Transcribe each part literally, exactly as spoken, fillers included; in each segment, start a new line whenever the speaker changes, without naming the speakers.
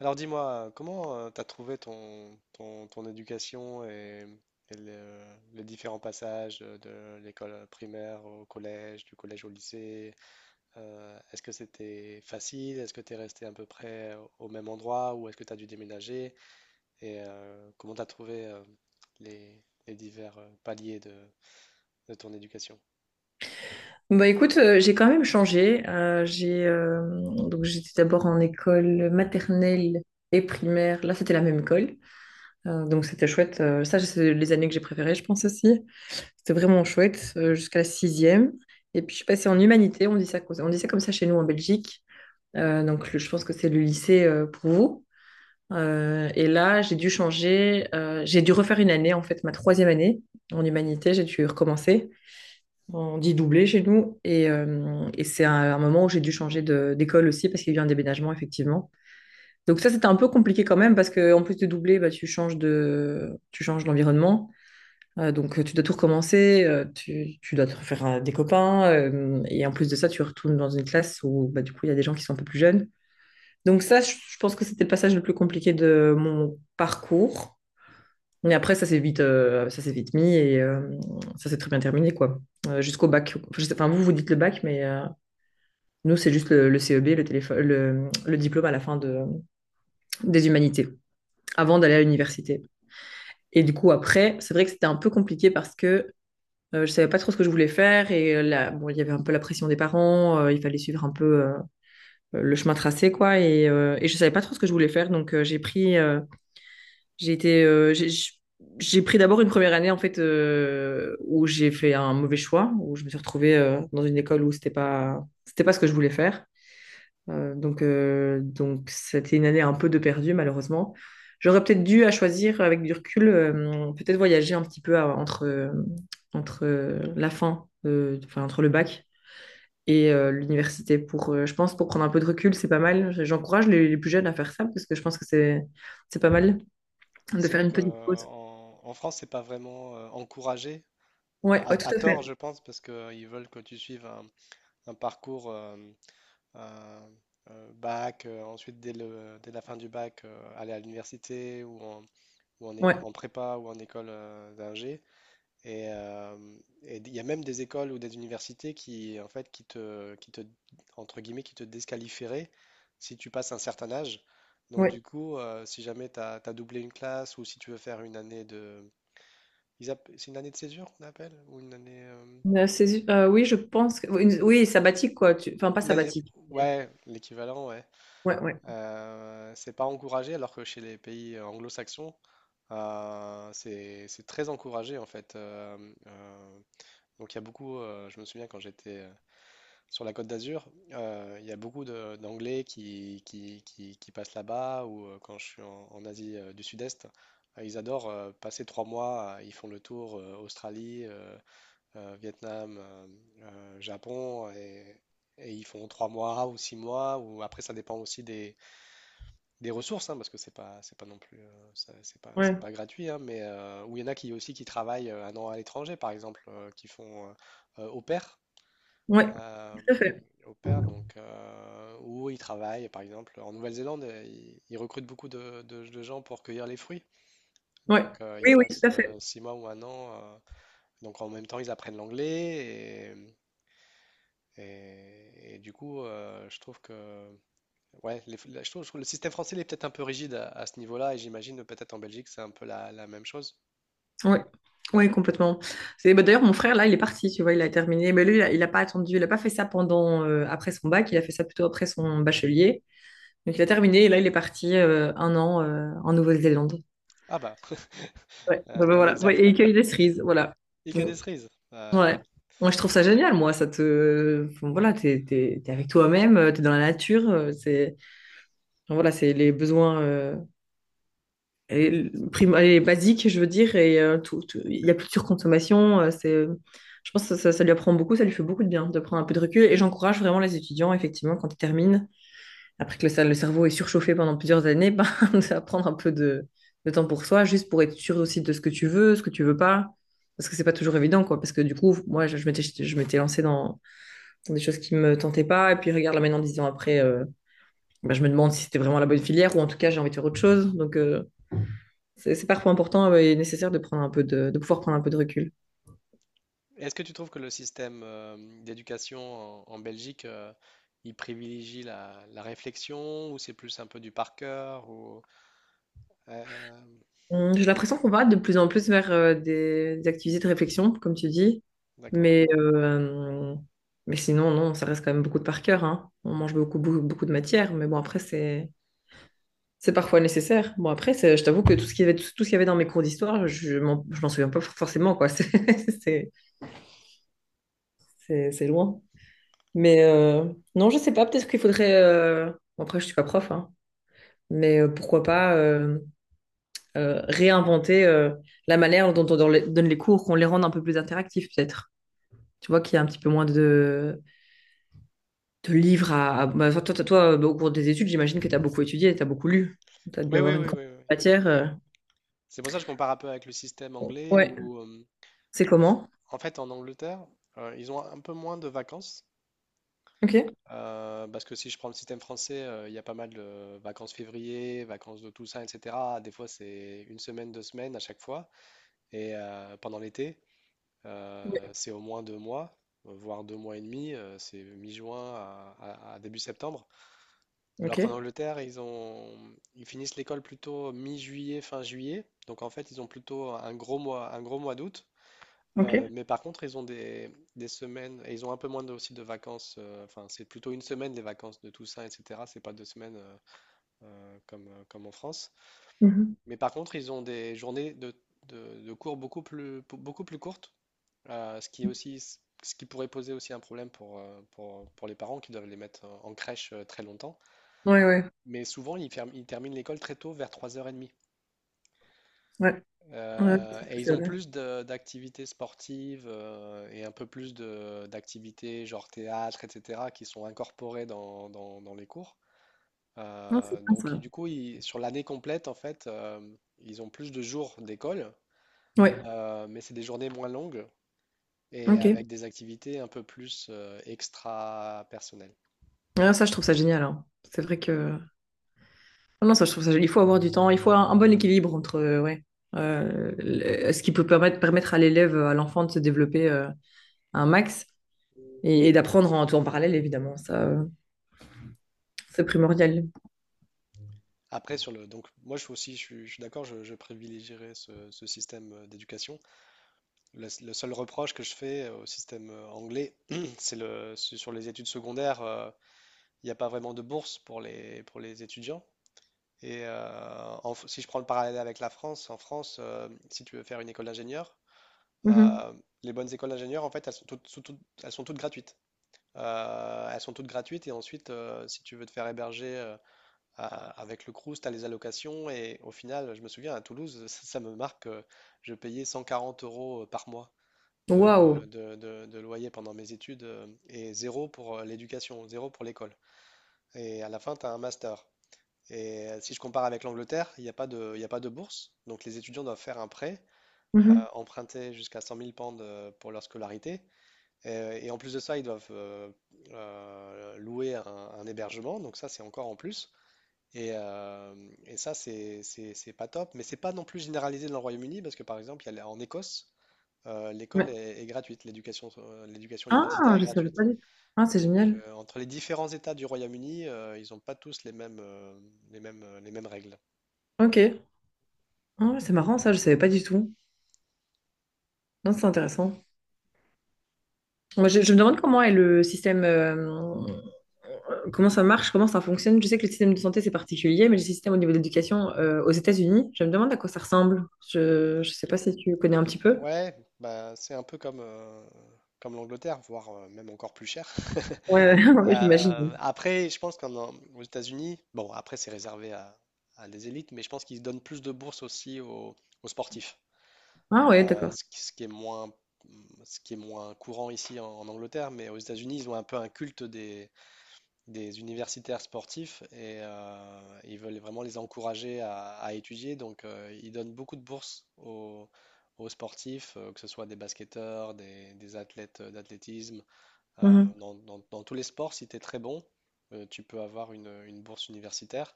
Alors dis-moi, comment tu as trouvé ton, ton, ton éducation et, et le- les différents passages euh, de l'école primaire au collège, du collège au lycée? Euh, est-ce que c'était facile? Est-ce que tu es resté à peu près au même endroit ou est-ce que tu as dû déménager? Et euh, comment tu as trouvé euh, les, les divers euh, paliers de, de ton éducation?
Bah écoute, euh, j'ai quand même changé. Euh, j'ai euh, Donc j'étais d'abord en école maternelle et primaire. Là, c'était la même école. Euh, donc c'était chouette. Euh, ça, c'est les années que j'ai préférées, je pense aussi. C'était vraiment chouette euh, jusqu'à la sixième. Et puis je suis passée en humanité. On dit ça, comme- on dit ça comme ça chez nous en Belgique. Euh, donc le- je pense que c'est le lycée euh, pour vous. Euh, et là, j'ai dû changer. Euh, j'ai dû refaire une année en fait, ma troisième année en humanité. J'ai dû recommencer. On dit doublé chez nous. Et, euh, et c'est un, un moment où j'ai dû changer de- d'école aussi parce qu'il y a eu un déménagement, effectivement. Donc ça, c'était un peu compliqué quand même parce qu'en plus de doubler, bah, tu changes de, tu changes d'environnement. Euh, donc euh, tu dois tout recommencer, euh, tu, tu dois te refaire euh, des copains. Euh, et en plus de ça, tu retournes dans une classe où bah, du coup, il y a des gens qui sont un peu plus jeunes. Donc ça, je, je pense que c'était le passage le plus compliqué de mon parcours. Mais après, ça s'est vite, euh, ça s'est vite mis et euh, ça s'est très bien terminé, quoi. Euh, jusqu'au bac. Enfin, je sais- enfin, vous, vous dites le bac, mais euh, nous, c'est juste le, le C E B, le, téléphone, le, le diplôme à la fin de, des humanités, avant d'aller à l'université. Et du coup, après, c'est vrai que c'était un peu compliqué parce que euh, je savais pas trop ce que je voulais faire et euh, là, bon, il y avait un peu la pression des parents, euh, il fallait suivre un peu euh, le chemin tracé, quoi. Et, euh, et je savais pas trop ce que je voulais faire, donc euh, j'ai pris euh, J'ai été, euh, j'ai j'ai pris d'abord une première année en fait euh, où j'ai fait un mauvais choix, où je me suis retrouvée euh, dans une école où c'était pas, c'était pas ce que je voulais faire. Euh, donc euh, donc c'était une année un peu de perdu malheureusement. J'aurais peut-être dû à choisir avec du recul, euh, peut-être voyager un petit peu à- entre euh, entre euh, la fin, euh, enfin entre le bac et euh, l'université pour, euh, je pense pour prendre un peu de recul, c'est pas mal. J'encourage les, les plus jeunes à faire ça parce que je pense que c'est c'est pas mal de
C'est
faire
vrai
une
que
petite
euh,
pause.
en, en France, c'est pas vraiment euh, encouragé, euh,
Ouais,
à,
ouais, tout
à
à
tort,
fait.
je pense, parce qu'ils veulent que tu suives un un parcours. euh, euh, euh, bac, euh, ensuite dès le, dès la fin du bac, euh, aller à l'université ou en, ou en, é-
Ouais,
en prépa ou en école euh, d'ingé. Et euh, et il y a même des écoles ou des universités qui, en fait, qui te, qui te, entre guillemets, qui te désqualifieraient si tu passes un certain âge. Donc
ouais.
du coup, euh, si jamais tu as doublé une classe ou si tu veux faire une année de. ils app- C'est une année de césure qu'on appelle? Ou une année, euh,
Euh, c'est- euh, oui, je pense que... une- Oui, sabbatique, quoi. tu- Enfin, pas
une année.
sabbatique. mais-
Ouais, l'équivalent, ouais.
Ouais, ouais,
Euh, c'est pas encouragé, alors que chez les pays euh, anglo-saxons, euh, c'est c'est très encouragé en fait. Euh, euh, donc il y a beaucoup, euh, je me souviens quand j'étais euh, sur la Côte d'Azur, euh, il y a beaucoup de- d'Anglais qui, qui, qui, qui passent là-bas ou euh, quand je suis en, en Asie euh, du Sud-Est, euh, ils adorent euh, passer trois mois, euh, ils font le tour euh, Australie, euh, euh, Vietnam, euh, euh, Japon et, et ils font trois mois ou six mois ou après ça dépend aussi des des ressources, hein, parce que c'est pas, c'est pas non plus, euh, ça- c'est pas,
ouais.
c'est pas gratuit, hein, mais euh, où il y en a qui aussi qui travaillent euh, un an à l'étranger, par exemple, euh, qui font euh, euh, au pair,
Ouais,
euh,
tout à fait.
au pair, donc euh, où ils travaillent, par exemple, en Nouvelle-Zélande, euh, ils, ils recrutent beaucoup de, de- de gens pour cueillir les fruits,
Ouais.
donc euh, ils
Oui, oui,
passent
tout à fait.
euh, six mois ou un an, euh, donc en même temps ils apprennent l'anglais et, et- et du coup, euh, je trouve que. Ouais, les- la- je trouve, je trouve le système français il est peut-être un peu rigide à, à ce niveau-là, et j'imagine peut-être en Belgique c'est un peu la, la même chose.
Ouais. Oui, complètement. C'est bah, d'ailleurs mon frère là, il est parti, tu vois, il a terminé. Mais lui, il a, il a pas attendu, il a pas fait ça pendant euh, après son bac, il a fait ça plutôt après son bachelier. Donc il a terminé et là il est parti euh, un an euh, en Nouvelle-Zélande.
Ah bah,
Ouais,
un
bah, bah,
bon
voilà. Ouais,
exemple.
et il cueille des cerises, voilà.
Et que des cerises. Euh,
Ouais. Moi, je trouve ça génial, moi. Ça te... enfin, voilà, t'es, t'es, t'es avec toi-même, euh, t'es dans la nature. euh, C'est... enfin, voilà, c'est les besoins euh, et l- prim- et basiques, je veux dire. Et euh, tout, tout- il y a plus de surconsommation. euh, c'est... Je pense que ça, ça- ça lui apprend beaucoup, ça lui fait beaucoup de bien de prendre un peu de recul. Et j'encourage vraiment les étudiants, effectivement, quand ils terminent, après que le, le cerveau est surchauffé pendant plusieurs années, ben, de prendre un peu de, de temps pour soi, juste pour être sûr aussi de ce que tu veux, ce que tu veux pas. Parce que c'est pas toujours évident, quoi. Parce que du coup, moi, je je m'étais je m'étais lancée dans des choses qui me tentaient pas. Et puis regarde là maintenant, dix ans après, euh, bah, je me demande si c'était vraiment la bonne filière ou en tout cas j'ai envie de faire autre chose. Donc euh, c'est c'est parfois important euh, et nécessaire de prendre un peu de, de pouvoir prendre un peu de recul.
est-ce que tu trouves que le système euh, d'éducation en, en Belgique, euh, il privilégie la, la réflexion, ou c'est plus un peu du par cœur, ou euh,
Hum, J'ai l'impression qu'on va de plus en plus vers euh, des, des activités de réflexion, comme tu dis,
d'accord.
mais euh, mais sinon non, ça reste quand même beaucoup de par cœur, hein. On mange beaucoup, beaucoup beaucoup de matière, mais bon après c'est c'est parfois nécessaire. Bon après, c'est- je t'avoue que tout ce qu'il y avait tout ce qu'il y avait dans mes cours d'histoire, je m'en je m'en souviens pas forcément quoi. C'est c'est c'est- c'est loin. Mais euh, non, je sais pas, peut-être qu'il faudrait... euh, bon, Après, je suis pas prof, hein, mais euh, pourquoi pas euh, euh, réinventer euh, la manière dont on don- les- donne les cours, qu'on les rende un peu plus interactifs, peut-être. Tu vois qu'il y a un petit peu moins de, de livres à... à- bah, toi, toi, toi, toi, bah, au cours des études, j'imagine que tu as beaucoup étudié, tu as beaucoup lu. Tu as dû
Oui, oui,
avoir une
oui,
quantité
oui, oui.
de matière. euh.
C'est pour ça que je compare un peu avec le système anglais,
Ouais.
où euh,
C'est
en f-
comment?
en fait en Angleterre, euh, ils ont un peu moins de vacances.
Ok.
Euh, parce que si je prends le système français, euh, il y a pas mal de vacances février, vacances de Toussaint, et cetera. Des fois, c'est une semaine, deux semaines à chaque fois. Et euh, pendant l'été, euh,
Ouais.
c'est au moins deux mois, euh, voire deux mois et demi. Euh, c'est mi-juin à, à- à début septembre.
Ok.
Alors qu'en Angleterre, ils ont, ils finissent l'école plutôt mi-juillet, fin juillet. Donc en fait, ils ont plutôt un gros mois, un gros mois d'août.
Ok.
Euh, mais par contre, ils ont des, des semaines, et ils ont un peu moins de, aussi de vacances. Euh, enfin, c'est plutôt une semaine les vacances de Toussaint, et cetera. C'est pas deux semaines euh, euh, comme, euh, comme en France.
Mhm.
Mais par contre, ils ont des journées de, de, de cours beaucoup plus, beaucoup plus courtes, euh, ce qui est aussi, ce qui pourrait poser aussi un problème pour, euh, pour, pour les parents qui doivent les mettre en en crèche euh, très longtemps.
Ouais, ouais.
Mais souvent, ils, ferment- ils terminent l'école très tôt, vers trois heures trente.
Ouais. Ouais,
Euh, et
c'est
ils ont
vrai.
plus de- d'activités sportives euh, et un peu plus de- d'activités genre théâtre, et cetera, qui sont incorporées dans, dans- dans les cours.
Non, c'est
Euh,
bien
donc,
ça.
du coup, ils- sur l'année complète, en fait, euh, ils ont plus de jours d'école,
Ouais.
euh, mais c'est des journées moins longues et
Ok.
avec des activités un peu plus euh, extra-personnelles.
Ah, ça, je trouve ça génial, hein. C'est vrai que... Ah non, ça, je trouve ça génial. Il faut avoir du temps, il faut un, un bon équilibre entre euh, ouais, euh, le- ce qui peut permettre, permettre à l'élève, à l'enfant de se développer euh, un max et, et d'apprendre en tout en parallèle, évidemment. Ça, euh, c'est primordial.
Après, sur le, donc, moi, je suis aussi, je suis, je suis d'accord, je, je privilégierais ce, ce système euh, d'éducation. Le, le seul reproche que je fais euh, au système euh, anglais, c'est le, c'est sur les études secondaires, euh, il n'y a pas vraiment de bourse pour les, pour les étudiants. Et euh, en f- si je prends le parallèle avec la France, en France, euh, si tu veux faire une école d'ingénieur,
Mhm.
euh, les bonnes écoles d'ingénieurs, en fait, elles sont toutes, sont toutes- elles sont toutes gratuites. Euh, elles sont toutes gratuites et ensuite, euh, si tu veux te faire héberger euh, à- avec le Crous, tu as les allocations. Et au final, je me souviens, à Toulouse, ça, ça me marque, euh, je payais cent quarante euros euh, par mois
Waouh.
de, de- de- de loyer pendant mes études euh, et zéro pour euh, l'éducation, zéro pour l'école. Et à la fin, tu as un master. Et euh, si je compare avec l'Angleterre, il n'y a pas de, il y a pas de bourse. Donc les étudiants doivent faire un prêt, euh,
Mhm.
emprunter jusqu'à cent mille pounds euh, pour leur scolarité. Et, et en plus de ça, ils doivent euh, euh, louer un, un hébergement. Donc ça, c'est encore en plus. Et, euh, et ça, c'est c'est- c'est pas top. Mais c'est pas non plus généralisé dans le Royaume-Uni parce que par exemple, il y a, la- en Écosse, euh, l'école
Ouais.
est, est gratuite, l'éducation, euh, l'éducation universitaire
Ah,
est
je savais
gratuite.
pas du tout. Ah, c'est
Donc,
génial.
euh, entre les différents États du Royaume-Uni, euh, ils n'ont pas tous les mêmes, euh, les mêmes, euh, les mêmes règles.
Ok. Ah, c'est marrant, ça, je savais pas du tout. Non, c'est intéressant. Moi, je,
Donc,
je me demande comment est le système. euh, Comment ça marche? Comment ça fonctionne? Je sais que le système de santé, c'est particulier, mais le système au niveau de l'éducation euh, aux États-Unis, je me demande à quoi ça ressemble. Je ne sais pas si tu connais un petit peu.
ouais, bah, c'est un peu comme, euh, comme l'Angleterre, voire euh, même encore plus cher.
Ouais, ouais,
Euh,
j'imagine.
après, je pense qu'aux États-Unis, bon, après, c'est réservé à, à des élites, mais je pense qu'ils donnent plus de bourses aussi aux, aux sportifs.
Ah ouais,
Euh,
d'accord.
ce qui, ce qui est moins, ce qui est moins courant ici en, en Angleterre, mais aux États-Unis, ils ont un peu un culte des, des universitaires sportifs et euh, ils veulent vraiment les encourager à, à étudier. Donc, euh, ils donnent beaucoup de bourses aux, aux sportifs, euh, que ce soit des basketteurs, des, des athlètes euh, d'athlétisme. Euh,
Mhm.
dans, dans- dans tous les sports, si tu es très bon, euh, tu peux avoir une, une bourse universitaire.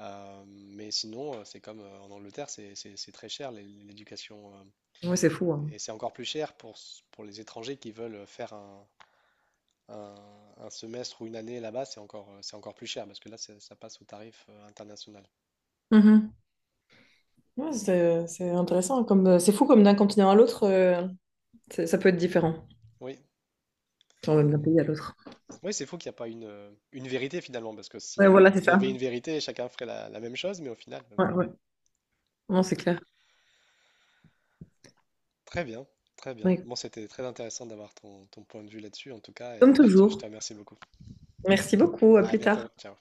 Euh, mais sinon, euh, c'est comme euh, en Angleterre, c'est c'est- c'est très cher l'é- l'éducation. euh.
Ouais, c'est fou, hein.
Et c'est encore plus cher pour, s- pour les étrangers qui veulent faire un, un, un semestre ou une année là-bas, c'est encore, euh, c'est encore plus cher parce que là, c'est- ça passe au tarif euh, international.
Mhm. Ouais, c'est, c'est intéressant. Comme, euh, c'est fou comme d'un continent à l'autre. euh, C'est- Ça peut être différent,
Oui,
genre même d'un pays à l'autre.
oui, c'est fou qu'il n'y a pas une, euh, une vérité finalement parce que
Ouais,
si,
voilà, c'est
s'il y avait
ça.
une vérité, chacun ferait la, la même chose, mais au final. Euh,
Ouais, ouais. Non, c'est clair.
très bien, très bien.
Ouais.
Bon, c'était très intéressant d'avoir ton, ton point de vue là-dessus en tout cas
Comme
et je te je
toujours.
te remercie beaucoup.
Merci beaucoup, à
À
plus
bientôt,
tard.
ciao.